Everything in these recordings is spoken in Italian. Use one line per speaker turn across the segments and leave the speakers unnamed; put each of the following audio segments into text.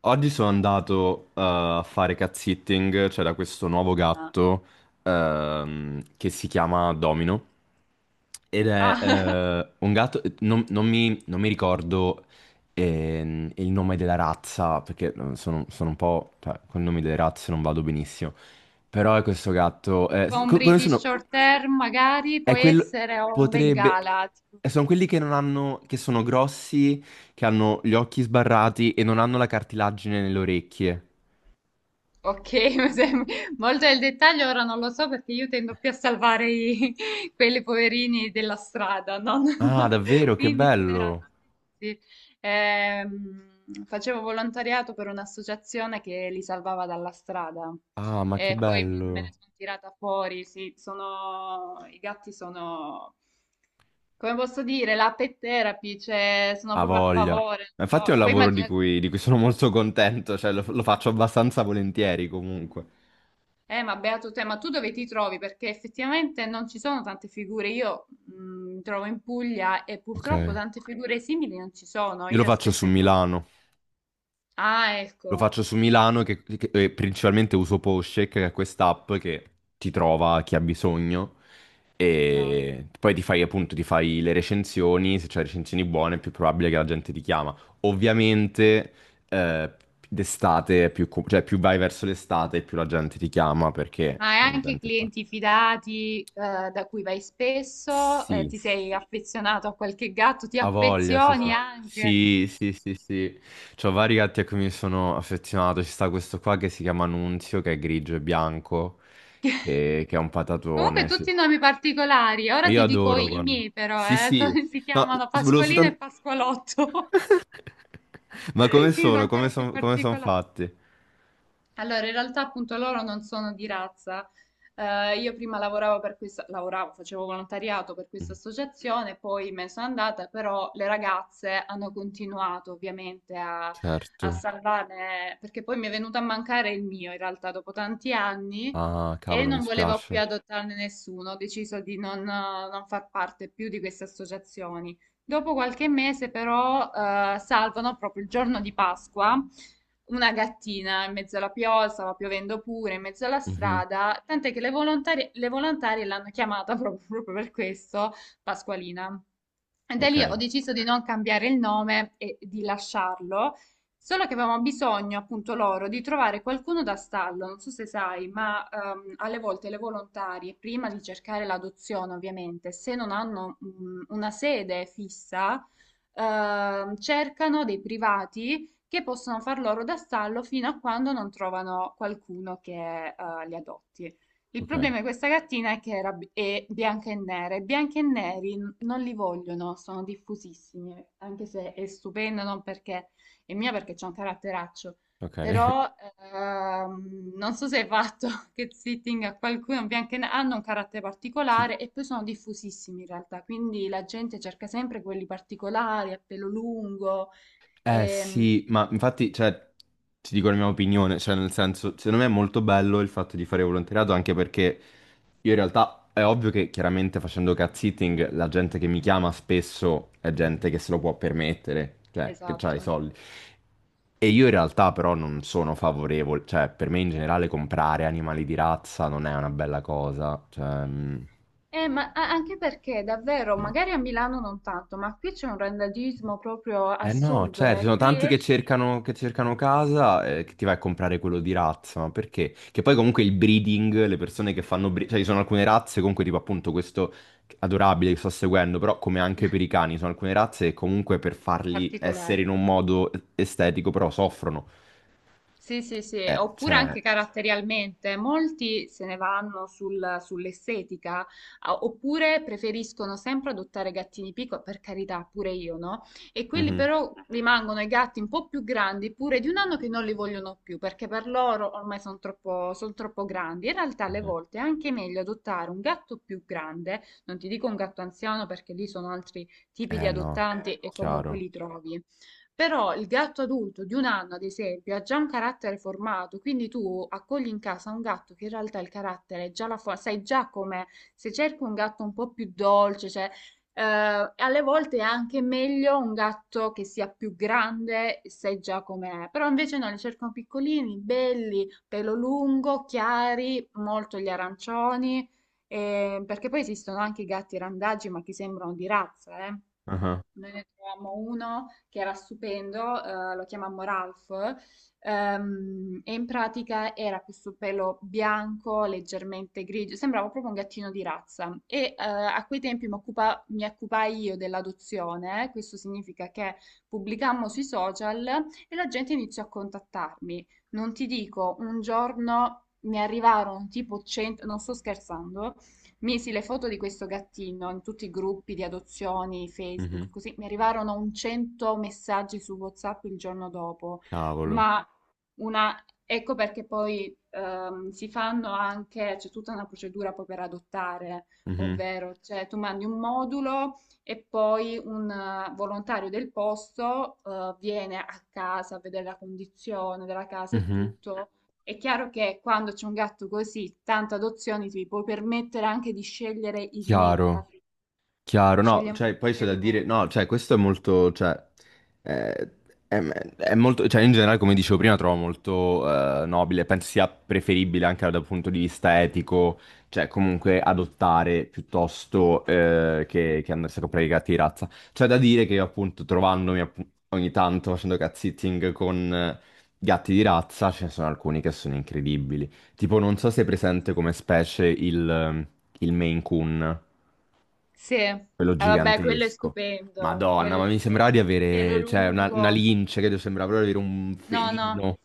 Oggi sono andato a fare cat sitting. C'era questo nuovo
Ah,
gatto che si chiama Domino ed è un gatto, non mi ricordo il nome della razza perché sono un po', cioè, con i nomi delle razze non vado benissimo, però è questo gatto,
tipo un
co- come
British
sono?
Short Hair magari, può
È quello
essere o un
potrebbe
Bengala, tipo.
sono quelli che non hanno, che sono grossi, che hanno gli occhi sbarrati e non hanno la cartilagine nelle orecchie.
Ok, molto nel dettaglio ora non lo so perché io tendo più a salvare quelli poverini della strada, no?
Ah, davvero? Che
Quindi sulle
bello.
razze. Sì. Facevo volontariato per un'associazione che li salvava dalla strada
Ah, ma che
e poi me ne
bello.
sono tirata fuori. Sì, sono, i gatti sono, come posso dire, la pet therapy, cioè sono
Ha
proprio a
voglia.
favore.
Ma infatti
Non
è un
so. Poi
lavoro
immagino.
di cui sono molto contento, cioè lo faccio abbastanza volentieri comunque.
Ma beato te, ma tu dove ti trovi? Perché effettivamente non ci sono tante figure. Io mi trovo in Puglia e
Ok.
purtroppo tante figure simili non ci sono.
Io lo
Io
faccio su
spesso.
Milano.
Ah,
Lo
ecco.
faccio su Milano che principalmente uso Postcheck, che è quest'app che ti trova chi ha bisogno,
No.
e poi ti fai, appunto, ti fai le recensioni. Se c'hai recensioni buone è più probabile che la gente ti chiama. Ovviamente eh, d'estate, è più, co- cioè più vai verso l'estate più la gente ti chiama perché
Ma hai
la
anche
gente fa...
clienti fidati, da cui vai spesso?
Sì.
Ti sei affezionato a qualche gatto? Ti
Ha voglia, sì,
affezioni?
sì.
Ah, anche?
Sì, sì, sì, sì. C'ho vari gatti a cui mi sono affezionato. Ci sta questo qua che si chiama Nunzio, che è grigio e bianco, e- che è un
Comunque
patatone, sì.
tutti nomi particolari.
Ma
Ora
io
ti dico
adoro
i
quando...
miei però,
Sì,
eh.
sì.
Si
No,
chiamano
volevo
Pasqualina
soltanto...
e Pasqualotto.
Ma come
Quindi sono
sono? Come
ancora più
sono, come son
particolari.
fatti?
Allora, in realtà appunto loro non sono di razza. Io prima lavoravo per questa, lavoravo, facevo volontariato per questa
Mhm.
associazione, poi me ne sono andata, però le ragazze hanno continuato ovviamente a
Certo.
salvarne, perché poi mi è venuto a mancare il mio in realtà dopo tanti anni
Ah,
e
cavolo, mi
non voleva più
spiace.
adottarne nessuno, ho deciso di non far parte più di queste associazioni. Dopo qualche mese, però, salvano proprio il giorno di Pasqua una gattina in mezzo alla pioggia, stava piovendo pure, in mezzo alla
Mhm.
strada, tant'è che le volontarie l'hanno chiamata proprio proprio per questo Pasqualina. E da
Ok,
lì ho deciso di non cambiare il nome e di lasciarlo, solo che avevamo bisogno, appunto, loro di trovare qualcuno da stallo. Non so se sai, ma alle volte le volontarie, prima di cercare l'adozione, ovviamente, se non hanno una sede fissa, cercano dei privati che possono far loro da stallo fino a quando non trovano qualcuno che li adotti. Il
ok,
problema di questa cartina è che è bianca e nera e bianchi e neri non li vogliono, sono diffusissimi, anche se è stupenda, non perché è mia perché c'è un caratteraccio,
ok.
però non so se hai fatto che sitting a qualcuno bianco e nero, hanno un carattere
Ti-
particolare e poi sono diffusissimi in realtà, quindi la gente cerca sempre quelli particolari a pelo lungo,
Eh
ehm,
sì, ma infatti, cioè, ti dico la mia opinione, cioè nel senso, secondo me è molto bello il fatto di fare volontariato, anche perché io in realtà, è ovvio che chiaramente facendo cat-sitting la gente che mi chiama spesso è gente che se lo può permettere, cioè che ha i
esatto.
soldi. E io in realtà però non sono favorevole, cioè per me in generale comprare animali di razza non è una bella cosa, cioè... mm,
Ma anche perché davvero,
no.
magari a Milano non tanto, ma qui c'è un randagismo proprio
Eh no,
assurdo,
cioè, ci
eh.
sono
Qui
tanti che cercano casa, che ti vai a comprare quello di razza, ma perché? Che poi comunque il breeding, le persone che fanno bre- cioè ci sono alcune razze comunque tipo, appunto, questo adorabile che sto seguendo, però come anche per i cani, sono alcune razze che comunque per farli essere in
particolari.
un modo estetico però soffrono.
Sì, sì, sì, oppure
Cioè...
anche caratterialmente, molti se ne vanno sull'estetica, oppure preferiscono sempre adottare gattini piccoli, per carità, pure io, no? E quelli
mhm,
però rimangono i gatti un po' più grandi, pure di un anno che non li vogliono più, perché per loro ormai sono troppo, son troppo grandi. In realtà alle
mhm.
volte è anche meglio adottare un gatto più grande, non ti dico un gatto anziano perché lì sono altri tipi di
Eh no,
adottanti e comunque
chiaro.
li trovi. Però il gatto adulto di un anno, ad esempio, ha già un carattere formato, quindi tu accogli in casa un gatto che in realtà il carattere è già la forma, sai già com'è. Se cerchi un gatto un po' più dolce, cioè, alle volte è anche meglio un gatto che sia più grande, sai già com'è. Però invece no, li cercano piccolini, belli, pelo lungo, chiari, molto gli arancioni, perché poi esistono anche i gatti randagi, ma che sembrano di razza, eh.
Ah,
Noi ne trovammo uno che era stupendo, lo chiamammo Ralph, e in pratica era questo pelo bianco, leggermente grigio, sembrava proprio un gattino di razza. E a quei tempi mi occupai io dell'adozione, questo significa che pubblicammo sui social e la gente iniziò a contattarmi. Non ti dico, un giorno mi arrivarono tipo 100, non sto scherzando. Misi le foto di questo gattino in tutti i gruppi di adozioni, Facebook,
mhm,
così mi arrivarono un 100 messaggi su WhatsApp il giorno dopo,
cavolo.
ma una, ecco perché poi si fanno anche, c'è tutta una procedura poi per adottare,
Mhm,
ovvero cioè, tu mandi un modulo e poi un volontario del posto viene a casa a vedere la condizione della casa e
mhm.
tutto. È chiaro che quando c'è un gatto così, tante adozioni, ti puoi permettere anche di scegliere il meglio,
Chiaro.
infatti
Chiaro, no,
scegliamo la
cioè poi
coppia
c'è da
di
dire, no,
Monza.
cioè questo è molto, cioè, eh, è molto, cioè in generale, come dicevo prima, trovo molto nobile, penso sia preferibile anche dal punto di vista etico, cioè comunque adottare piuttosto che andarsi a comprare i gatti di razza. C'è da dire che io, appunto trovandomi appu- ogni tanto facendo cat sitting con gatti di razza, ce ne sono alcuni che sono incredibili, tipo non so se è presente come specie il Maine Coon,
Sì, ah,
quello
vabbè,
gigantesco. Madonna,
quello è
ma mi
stupendo,
sembrava di
il pelo
avere, cioè, una
lungo.
lince, credo, sembrava proprio di avere un
No, no,
felino.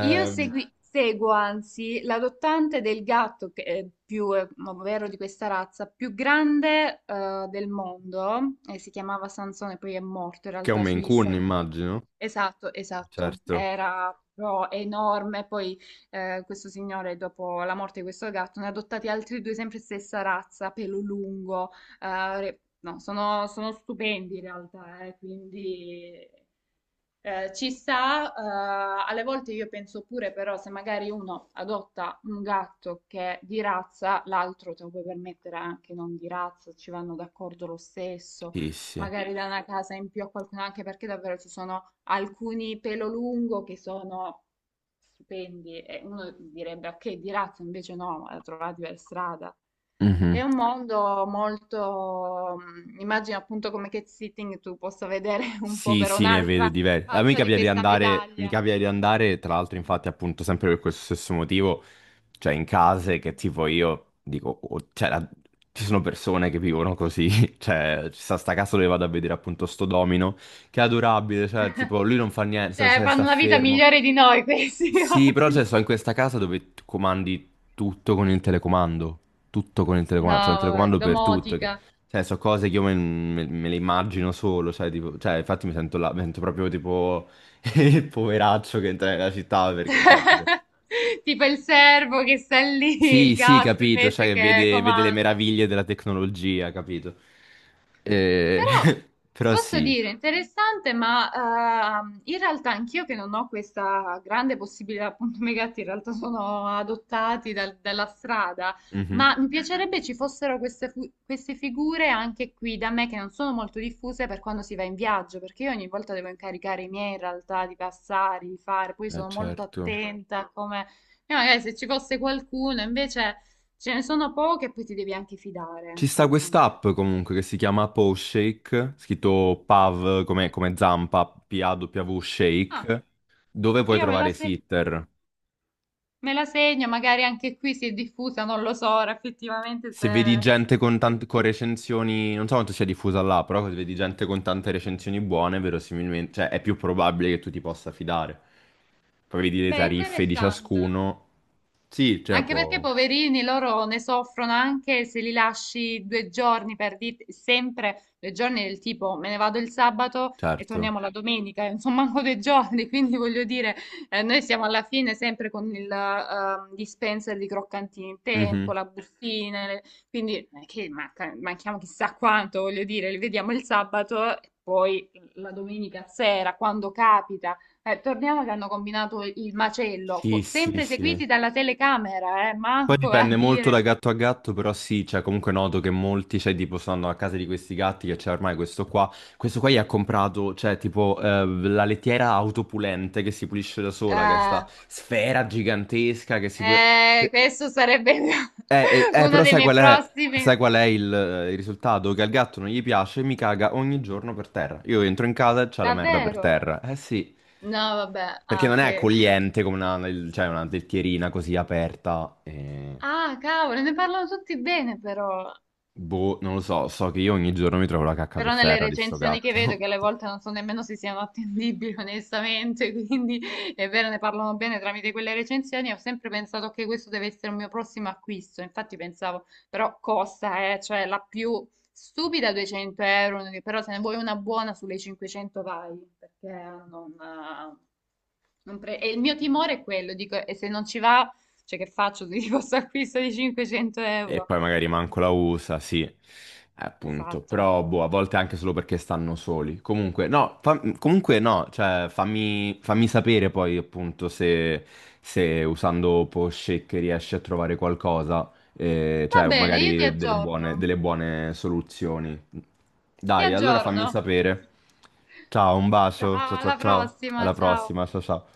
io seguo anzi l'adottante del gatto che è più, ovvero di questa razza, più grande del mondo, e si chiamava Sansone, poi è morto in
che è un
realtà su
Maine Coon,
Instagram.
immagino.
Esatto, esatto,
Certo.
era proprio enorme, poi questo signore dopo la morte di questo gatto ne ha adottati altri due, sempre stessa razza, pelo lungo, no, sono stupendi in realtà, quindi ci sta, alle volte io penso pure però se magari uno adotta un gatto che è di razza, l'altro te lo puoi permettere anche non di razza, ci vanno d'accordo lo stesso,
Sì, sì.
magari da una casa in più a qualcuno, anche perché davvero ci sono alcuni pelo lungo che sono stupendi e uno direbbe ok di razza, invece no, la trovati per strada. È
Mhm.
un mondo molto, immagino appunto come cat sitting tu possa vedere un po'
Sì,
per
sì, ne vedo
un'altra
diversi. A me
faccia di
capita di
questa
andare, mi
medaglia.
capita di andare, tra l'altro, infatti, appunto, sempre per questo stesso motivo, cioè in case che tipo io dico, oh, cioè, la- ci sono persone che vivono così, cioè, ci sta sta casa dove vado a vedere, appunto, sto Domino, che è adorabile, cioè, tipo, lui non fa niente, sta,
Cioè,
sta-
fanno
sta
una vita
fermo.
migliore di noi questi
Sì, però cioè,
ottimi.
sto in questa casa dove tu comandi tutto con il telecomando. Tutto con il
No,
telecomando. C'è un
vabbè,
telecomando per tutto. Che...
domotica.
Cioè, so cose che io me, me- me le immagino solo. Cioè, tipo- cioè, infatti mi sento, là, mi sento proprio tipo il poveraccio che entra nella città perché, cioè, tipo-
Tipo il servo che sta lì,
Sì,
il
sì,
gatto
capito. Cioè,
invece
che
che
vede, vede le
comanda.
meraviglie della tecnologia, capito? Eh,
Però
Però
posso
sì.
dire interessante, ma in realtà anch'io che non ho questa grande possibilità, appunto i miei gatti in realtà sono adottati dalla strada,
Mhm.
ma mi piacerebbe ci fossero queste figure anche qui da me che non sono molto diffuse per quando si va in viaggio, perché io ogni volta devo incaricare i miei in realtà di passare, di fare, poi sono molto
Certo.
attenta a come. E magari se ci fosse qualcuno invece. Ce ne sono poche e poi ti devi anche fidare.
Ci
C'è
sta
anche una cosa.
quest'app comunque che si chiama Paw Shake, scritto PAV come, come zampa, P-A-W
Ah,
Shake, dove puoi
io me
trovare
la, se-
sitter.
me la segno, magari anche qui si è diffusa, non lo so ora effettivamente
Se vedi
se.
gente con,
se-
tante, con recensioni, non so quanto sia diffusa là, però se vedi gente con tante recensioni buone, verosimilmente, cioè è più probabile che tu ti possa fidare. Poi vedi le
Beh,
tariffe di
interessante.
ciascuno. Sì, cioè
Anche perché
può...
poverini loro ne soffrono anche se li lasci 2 giorni per dire sempre 2 giorni del tipo me ne vado il sabato e
Certo.
torniamo la domenica, insomma manco 2 giorni, quindi voglio dire noi siamo alla fine sempre con il dispenser di croccantini in tempo,
Mhm.
la bustina, quindi non è che manchiamo chissà quanto, voglio dire, li vediamo il sabato e poi la domenica sera quando capita torniamo che hanno combinato il macello,
Sì, sì,
sempre
sì.
seguiti dalla telecamera,
Poi
manco a
dipende molto da
dire.
gatto a gatto, però sì, cioè comunque noto che molti, cioè tipo stanno a casa di questi gatti che c'è ormai questo qua gli ha comprato, cioè tipo la lettiera autopulente che si pulisce da sola, che è
eh,
sta sfera gigantesca che si può...
eh,
che-
questo sarebbe uno
Però
dei miei prossimi.
sai qual è il risultato? Che al gatto non gli piace e mi caga ogni giorno per terra. Io entro in casa e c'è la merda per
Davvero?
terra. Eh sì,
No, vabbè,
perché
ah,
non è
che.
accogliente come una, cioè una lettierina così aperta. Eh.
Ah, cavolo, ne parlano tutti bene però.
Boh, non lo so, so che io ogni giorno mi trovo la cacca
Però
per
nelle
terra di sto
recensioni che vedo,
gatto.
che alle volte non so nemmeno se siano attendibili onestamente, quindi è vero, ne parlano bene tramite quelle recensioni, ho sempre pensato che questo deve essere un mio prossimo acquisto, infatti pensavo, però costa, cioè la più stupida 200 euro, però se ne vuoi una buona sulle 500 vai, perché non. E il mio timore è quello, dico, e se non ci va, cioè che faccio di questo acquisto di 500
E
euro?
poi magari manco la usa, sì, appunto,
Esatto.
però boh, a volte anche solo perché stanno soli. Comunque, no, fa- comunque no, cioè fammi, fammi sapere poi, appunto, se, se usando Poshake riesci a trovare qualcosa,
Va
cioè
bene, io ti
magari
aggiorno.
delle buone soluzioni.
Ti
Dai, allora fammi
aggiorno.
sapere. Ciao, un
Ciao,
bacio, ciao ciao
alla
ciao,
prossima,
alla
ciao.
prossima, ciao ciao.